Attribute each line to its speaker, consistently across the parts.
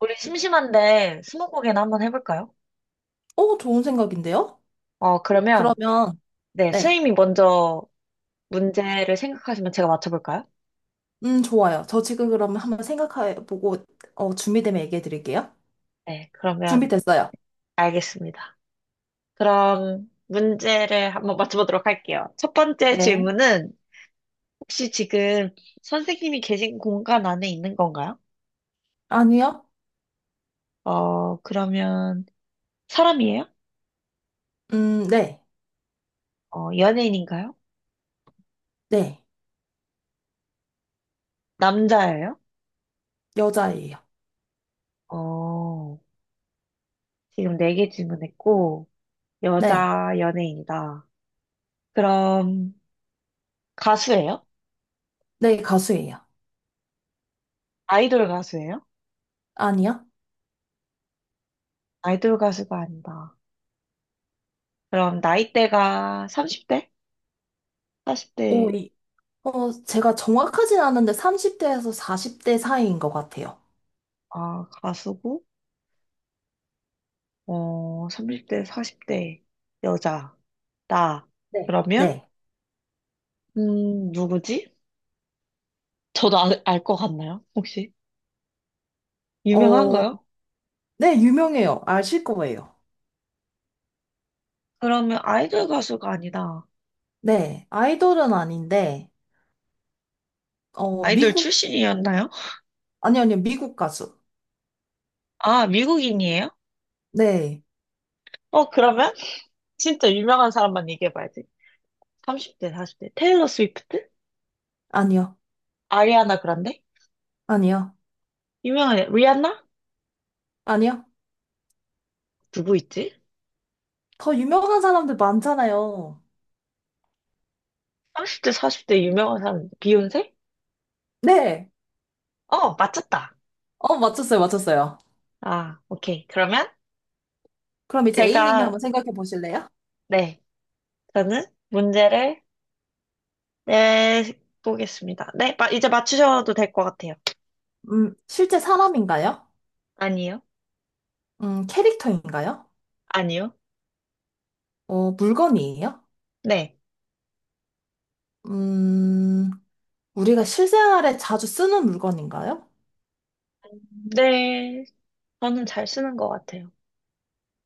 Speaker 1: 우리 심심한데 스무고개나 한번 해볼까요?
Speaker 2: 좋은 생각인데요?
Speaker 1: 그러면
Speaker 2: 그러면,
Speaker 1: 네,
Speaker 2: 네.
Speaker 1: 스님이 먼저 문제를 생각하시면 제가 맞춰볼까요?
Speaker 2: 좋아요. 저 지금 그러면 한번 생각해보고, 준비되면 얘기해드릴게요.
Speaker 1: 네, 그러면
Speaker 2: 준비됐어요.
Speaker 1: 알겠습니다. 그럼 문제를 한번 맞춰보도록 할게요. 첫 번째
Speaker 2: 네.
Speaker 1: 질문은 혹시 지금 선생님이 계신 공간 안에 있는 건가요?
Speaker 2: 아니요?
Speaker 1: 그러면 사람이에요?
Speaker 2: 네.
Speaker 1: 연예인인가요?
Speaker 2: 네.
Speaker 1: 남자예요?
Speaker 2: 여자예요.
Speaker 1: 어, 지금 네 개 질문했고
Speaker 2: 네.
Speaker 1: 여자 연예인이다. 그럼 가수예요?
Speaker 2: 네, 가수예요.
Speaker 1: 아이돌 가수예요?
Speaker 2: 아니요?
Speaker 1: 아이돌 가수가 아니다. 그럼 나이대가 30대?
Speaker 2: 오,
Speaker 1: 40대.
Speaker 2: 이, 제가 정확하진 않은데 30대에서 40대 사이인 것 같아요.
Speaker 1: 아, 가수고 30대, 40대 여자. 나.
Speaker 2: 네.
Speaker 1: 그러면
Speaker 2: 네.
Speaker 1: 누구지? 저도 알것 같나요? 혹시?
Speaker 2: 어,
Speaker 1: 유명한가요?
Speaker 2: 네, 유명해요. 아실 거예요.
Speaker 1: 그러면 아이돌 가수가 아니다.
Speaker 2: 네. 아이돌은 아닌데, 어,
Speaker 1: 아이돌
Speaker 2: 미국,
Speaker 1: 출신이었나요?
Speaker 2: 아니요, 아니요, 미국 가수.
Speaker 1: 아, 미국인이에요?
Speaker 2: 네.
Speaker 1: 그러면 진짜 유명한 사람만 얘기해봐야지. 30대, 40대. 테일러 스위프트?
Speaker 2: 아니요.
Speaker 1: 아리아나 그란데?
Speaker 2: 아니요.
Speaker 1: 유명한, 리안나?
Speaker 2: 아니요.
Speaker 1: 누구 있지?
Speaker 2: 더 유명한 사람들 많잖아요.
Speaker 1: 30대, 40대 유명한 사람, 비욘세?
Speaker 2: 네.
Speaker 1: 맞췄다.
Speaker 2: 맞췄어요. 맞췄어요.
Speaker 1: 아, 오케이. 그러면
Speaker 2: 그럼 이제 A님이
Speaker 1: 제가,
Speaker 2: 한번 생각해 보실래요?
Speaker 1: 네, 저는 문제를 내보겠습니다. 네, 이제 맞추셔도 될 것 같아요.
Speaker 2: 실제 사람인가요?
Speaker 1: 아니요?
Speaker 2: 캐릭터인가요?
Speaker 1: 아니요?
Speaker 2: 물건이에요?
Speaker 1: 네.
Speaker 2: 음, 우리가 실생활에 자주 쓰는 물건인가요?
Speaker 1: 네, 저는 잘 쓰는 것 같아요.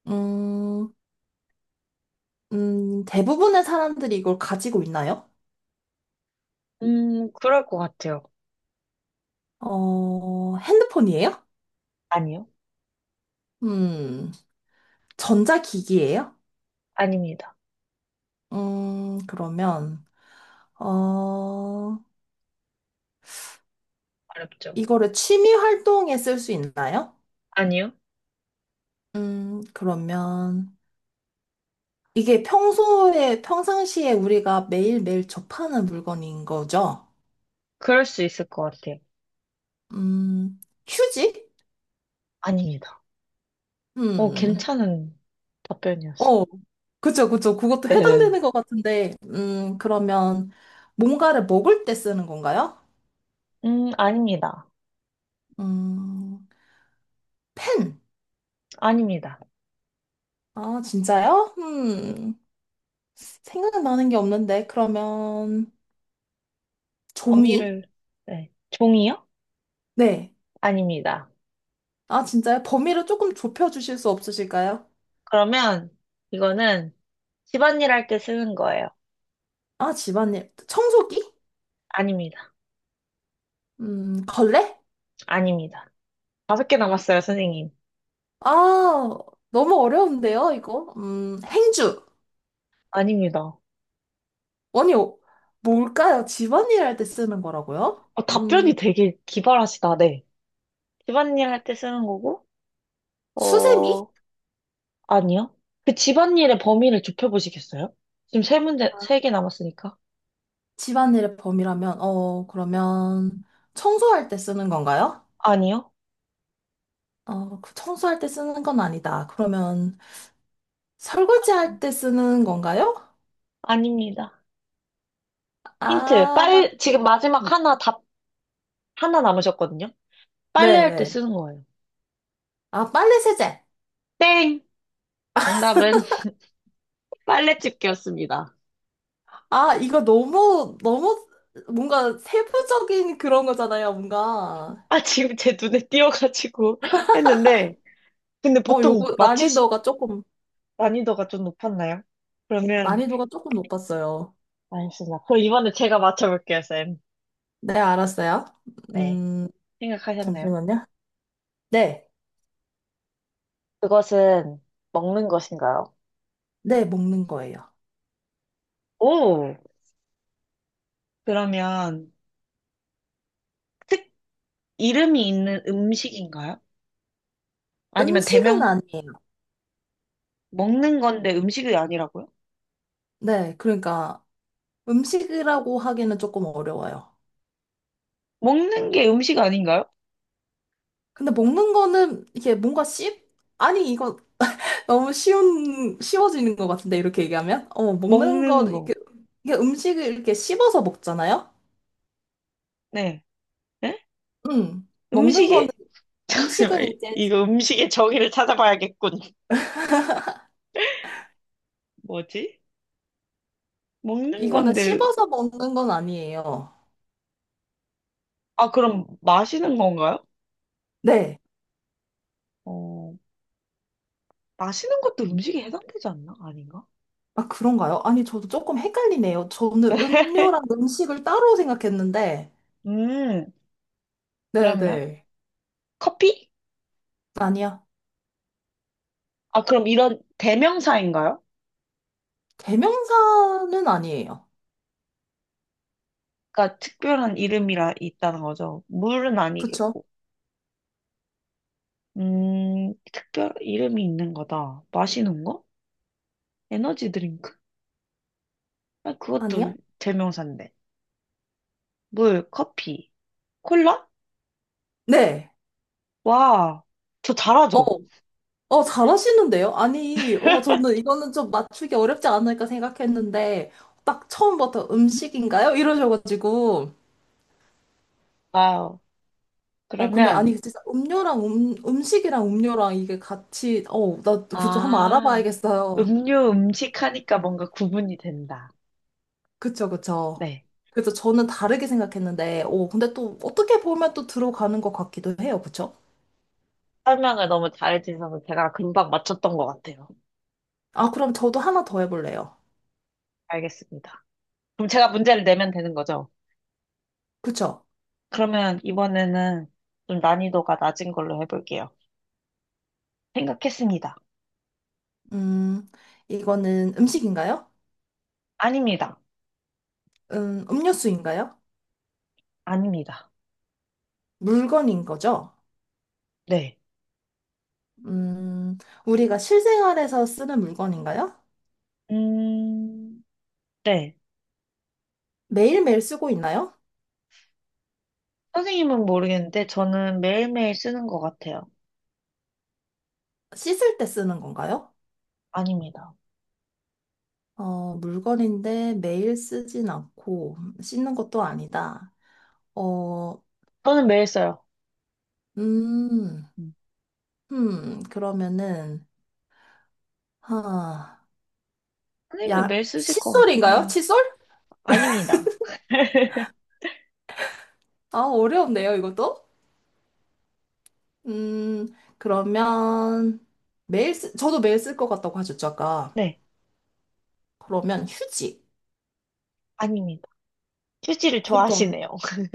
Speaker 2: 음, 대부분의 사람들이 이걸 가지고 있나요?
Speaker 1: 그럴 것 같아요.
Speaker 2: 핸드폰이에요?
Speaker 1: 아니요?
Speaker 2: 음, 전자기기예요?
Speaker 1: 아닙니다.
Speaker 2: 그러면, 어,
Speaker 1: 어렵죠?
Speaker 2: 이거를 취미 활동에 쓸 수 있나요?
Speaker 1: 아니요?
Speaker 2: 그러면 이게 평소에, 평상시에 우리가 매일매일 접하는 물건인 거죠?
Speaker 1: 그럴 수 있을 것 같아요.
Speaker 2: 음, 휴지?
Speaker 1: 아닙니다.
Speaker 2: 음,
Speaker 1: 괜찮은 답변이었어요.
Speaker 2: 어, 그쵸, 그쵸. 그것도
Speaker 1: 네.
Speaker 2: 해당되는 것 같은데, 그러면 뭔가를 먹을 때 쓰는 건가요?
Speaker 1: 아닙니다.
Speaker 2: 음, 펜.
Speaker 1: 아닙니다.
Speaker 2: 아, 진짜요? 생각나는 게 없는데, 그러면
Speaker 1: 범위
Speaker 2: 종이?
Speaker 1: 를 네. 종이요?
Speaker 2: 네.
Speaker 1: 아닙니다.
Speaker 2: 아, 진짜요? 범위를 조금 좁혀주실 수 없으실까요?
Speaker 1: 그러면 이거는 집안일 할 때 쓰는 거예요.
Speaker 2: 아, 집안일. 청소기?
Speaker 1: 아닙니다.
Speaker 2: 걸레?
Speaker 1: 아닙니다. 다섯 개 남았어요, 선생님.
Speaker 2: 아, 너무 어려운데요, 이거? 행주.
Speaker 1: 아닙니다.
Speaker 2: 아니, 뭘까요? 집안일 할 때 쓰는 거라고요?
Speaker 1: 답변이 되게 기발하시다, 네. 집안일 할 때 쓰는 거고,
Speaker 2: 수세미?
Speaker 1: 어, 아니요. 그 집안일의 범위를 좁혀보시겠어요? 지금 세 문제, 세 개 남았으니까.
Speaker 2: 집안일의 범위라면, 그러면 청소할 때 쓰는 건가요?
Speaker 1: 아니요.
Speaker 2: 그 청소할 때 쓰는 건 아니다. 그러면 설거지할 때 쓰는 건가요?
Speaker 1: 아닙니다. 힌트.
Speaker 2: 아,
Speaker 1: 지금 마지막 하나 하나 남으셨거든요. 빨래할 때
Speaker 2: 네네.
Speaker 1: 쓰는 거예요.
Speaker 2: 아, 빨래 세제.
Speaker 1: 땡! 정답은 빨래집게였습니다.
Speaker 2: 아, 이거 너무, 너무 뭔가 세부적인 그런 거잖아요, 뭔가.
Speaker 1: 아, 지금 제 눈에 띄어가지고 했는데, 근데 보통
Speaker 2: 요거
Speaker 1: 맞출 수- 난이도가 좀 높았나요? 그러면,
Speaker 2: 난이도가 조금 높았어요.
Speaker 1: 알겠습니다. 그럼 이번에 제가 맞춰볼게요, 쌤.
Speaker 2: 네, 알았어요.
Speaker 1: 네.
Speaker 2: 음,
Speaker 1: 생각하셨나요?
Speaker 2: 잠시만요. 네,
Speaker 1: 그것은 먹는 것인가요?
Speaker 2: 네, 먹는 거예요.
Speaker 1: 오! 그러면, 특, 이름이 있는 음식인가요? 아니면
Speaker 2: 음식은
Speaker 1: 대명,
Speaker 2: 아니에요.
Speaker 1: 먹는 건데 음식이 아니라고요?
Speaker 2: 네, 그러니까 음식이라고 하기는 조금 어려워요.
Speaker 1: 먹는 게 음식 아닌가요?
Speaker 2: 근데 먹는 거는 이게 뭔가 씹? 아니, 이거 너무 쉬워지는 것 같은데, 이렇게 얘기하면?
Speaker 1: 먹는 거.
Speaker 2: 이게 음식을 이렇게 씹어서 먹잖아요?
Speaker 1: 네. 네?
Speaker 2: 먹는 거는
Speaker 1: 음식이,
Speaker 2: 음식은
Speaker 1: 잠시만,
Speaker 2: 이제
Speaker 1: 이거 음식의 정의를 찾아봐야겠군. 뭐지? 먹는
Speaker 2: 이거는
Speaker 1: 건데,
Speaker 2: 씹어서 먹는 건 아니에요.
Speaker 1: 아, 그럼 마시는 건가요?
Speaker 2: 네.
Speaker 1: 어, 마시는 것도 음식에 해당되지 않나? 아닌가?
Speaker 2: 아, 그런가요? 아니, 저도 조금 헷갈리네요. 저는 음료랑 음식을 따로 생각했는데.
Speaker 1: 음, 그러면
Speaker 2: 네네.
Speaker 1: 커피?
Speaker 2: 아니야.
Speaker 1: 아, 그럼 이런 대명사인가요?
Speaker 2: 대명사는 아니에요.
Speaker 1: 그러니까 특별한 이름이라 있다는 거죠. 물은
Speaker 2: 그쵸?
Speaker 1: 아니겠고. 특별 이름이 있는 거다. 마시는 거? 에너지 드링크? 아, 그것도
Speaker 2: 아니야?
Speaker 1: 대명사인데. 물, 커피, 콜라?
Speaker 2: 네.
Speaker 1: 와, 저
Speaker 2: 어,
Speaker 1: 잘하죠?
Speaker 2: 잘하시는데요? 아니, 저는 이거는 좀 맞추기 어렵지 않을까 생각했는데, 딱 처음부터 음식인가요? 이러셔가지고.
Speaker 1: 와우.
Speaker 2: 근데
Speaker 1: 그러면
Speaker 2: 아니, 진짜 음료랑 음식이랑 음료랑 이게 같이, 나 그거 좀 한번
Speaker 1: 아,
Speaker 2: 알아봐야겠어요.
Speaker 1: 음료, 음식 하니까 뭔가 구분이 된다.
Speaker 2: 그쵸, 그쵸.
Speaker 1: 네.
Speaker 2: 그래서 저는 다르게 생각했는데, 근데 또 어떻게 보면 또 들어가는 것 같기도 해요. 그쵸?
Speaker 1: 설명을 너무 잘해주셔서 제가 금방 맞췄던 것 같아요.
Speaker 2: 아, 그럼 저도 하나 더 해볼래요.
Speaker 1: 알겠습니다. 그럼 제가 문제를 내면 되는 거죠?
Speaker 2: 그쵸?
Speaker 1: 그러면 이번에는 좀 난이도가 낮은 걸로 해볼게요. 생각했습니다.
Speaker 2: 음, 이거는 음식인가요?
Speaker 1: 아닙니다.
Speaker 2: 음료수인가요?
Speaker 1: 아닙니다.
Speaker 2: 물건인 거죠?
Speaker 1: 네.
Speaker 2: 음, 우리가 실생활에서 쓰는 물건인가요?
Speaker 1: 음, 네.
Speaker 2: 매일매일 쓰고 있나요?
Speaker 1: 선생님은 모르겠는데 저는 매일매일 쓰는 것 같아요.
Speaker 2: 씻을 때 쓰는 건가요?
Speaker 1: 아닙니다.
Speaker 2: 물건인데 매일 쓰진 않고 씻는 것도 아니다. 어,
Speaker 1: 저는 매일 써요.
Speaker 2: 음, 그러면은, 하,
Speaker 1: 선생님도
Speaker 2: 야,
Speaker 1: 매일 쓰실 것 같긴
Speaker 2: 칫솔인가요?
Speaker 1: 해요.
Speaker 2: 칫솔?
Speaker 1: 아닙니다.
Speaker 2: 아, 어려운데요, 이것도? 음, 그러면 저도 매일 쓸 것 같다고 하셨죠, 아까.
Speaker 1: 네,
Speaker 2: 그러면 휴지.
Speaker 1: 아닙니다. 휴지를
Speaker 2: 그것도.
Speaker 1: 좋아하시네요.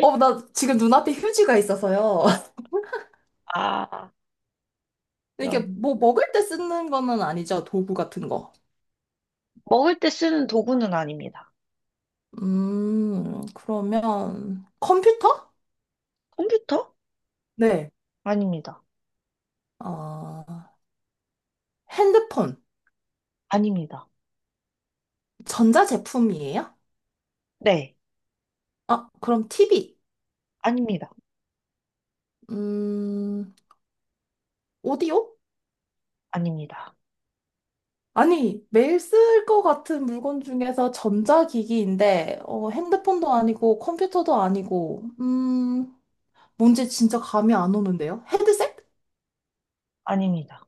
Speaker 2: 나 지금 눈앞에 휴지가 있어서요.
Speaker 1: 아,
Speaker 2: 이게
Speaker 1: 그럼.
Speaker 2: 뭐 먹을 때 쓰는 거는 아니죠, 도구 같은 거.
Speaker 1: 먹을 때 쓰는 도구는 아닙니다.
Speaker 2: 그러면 컴퓨터?
Speaker 1: 컴퓨터?
Speaker 2: 네.
Speaker 1: 아닙니다.
Speaker 2: 어, 핸드폰,
Speaker 1: 아닙니다.
Speaker 2: 전자제품이에요?
Speaker 1: 네,
Speaker 2: 아, 그럼 TV,
Speaker 1: 아닙니다.
Speaker 2: 음, 오디오?
Speaker 1: 아닙니다.
Speaker 2: 아니, 매일 쓸 것 같은 물건 중에서 전자기기인데, 핸드폰도 아니고, 컴퓨터도 아니고, 뭔지 진짜 감이 안 오는데요? 헤드셋?
Speaker 1: 아닙니다.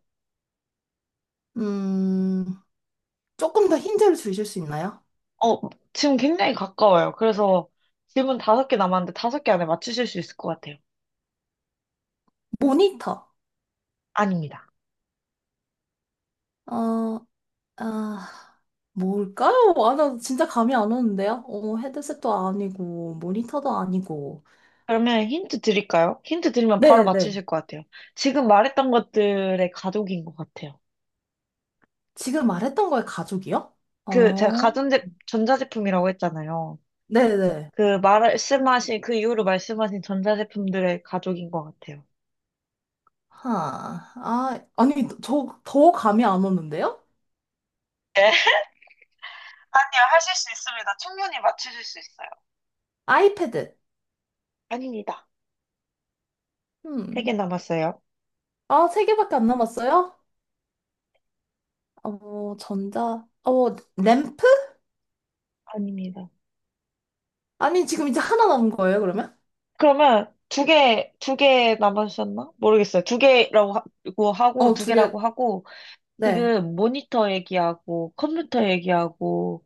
Speaker 2: 음, 조금 더 힌트를 주실 수 있나요?
Speaker 1: 어, 지금 굉장히 가까워요. 그래서 질문 다섯 개 남았는데 다섯 개 안에 맞추실 수 있을 것 같아요.
Speaker 2: 모니터.
Speaker 1: 아닙니다.
Speaker 2: 어, 아, 뭘까요? 아, 나 진짜 감이 안 오는데요? 헤드셋도 아니고, 모니터도 아니고.
Speaker 1: 그러면 힌트 드릴까요? 힌트 드리면 바로
Speaker 2: 네네.
Speaker 1: 맞추실 것 같아요. 지금 말했던 것들의 가족인 것 같아요.
Speaker 2: 지금 말했던 거에 가족이요?
Speaker 1: 그 제가
Speaker 2: 어,
Speaker 1: 가전제 전자제품이라고 했잖아요.
Speaker 2: 네네.
Speaker 1: 그 말씀하신 그 이후로 말씀하신 전자제품들의 가족인 것 같아요.
Speaker 2: 하, 아, 아니, 저 더 감이 안 오는데요?
Speaker 1: 아니요, 하실 수 있습니다. 충분히 맞추실 수 있어요.
Speaker 2: 아이패드.
Speaker 1: 아닙니다. 세 개
Speaker 2: 음.
Speaker 1: 남았어요.
Speaker 2: 아, 세 개밖에 안 남았어요? 어, 전자. 램프?
Speaker 1: 아닙니다.
Speaker 2: 아니, 지금 이제 하나 남은 거예요, 그러면?
Speaker 1: 그러면 두 개 남았었나? 모르겠어요. 두 개라고 하고, 두
Speaker 2: 두 개.
Speaker 1: 개라고 하고,
Speaker 2: 네.
Speaker 1: 지금 모니터 얘기하고, 컴퓨터 얘기하고,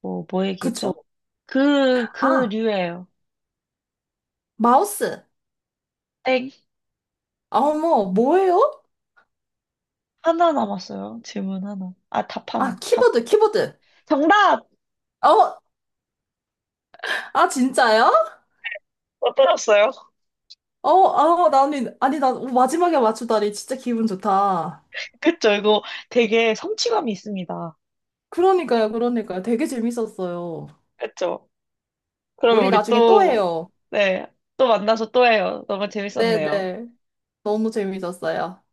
Speaker 1: 뭐, 뭐
Speaker 2: 그쵸.
Speaker 1: 얘기했죠? 그
Speaker 2: 아,
Speaker 1: 류예요.
Speaker 2: 마우스.
Speaker 1: 땡.
Speaker 2: 아, 어머, 뭐예요?
Speaker 1: 하나 남았어요. 질문 하나. 아, 답
Speaker 2: 아,
Speaker 1: 하나. 답.
Speaker 2: 키보드, 키보드.
Speaker 1: 정답!
Speaker 2: 어, 아, 진짜요?
Speaker 1: 어떠셨어요?
Speaker 2: 아, 나는, 아니, 나 마지막에 맞추다니 진짜 기분 좋다.
Speaker 1: 그쵸, 이거 되게 성취감이 있습니다.
Speaker 2: 그러니까요, 그러니까요. 되게 재밌었어요.
Speaker 1: 그쵸? 그러면
Speaker 2: 우리
Speaker 1: 우리
Speaker 2: 나중에 또
Speaker 1: 또,
Speaker 2: 해요.
Speaker 1: 네, 또 만나서 또 해요. 너무 재밌었네요.
Speaker 2: 네네. 너무 재밌었어요.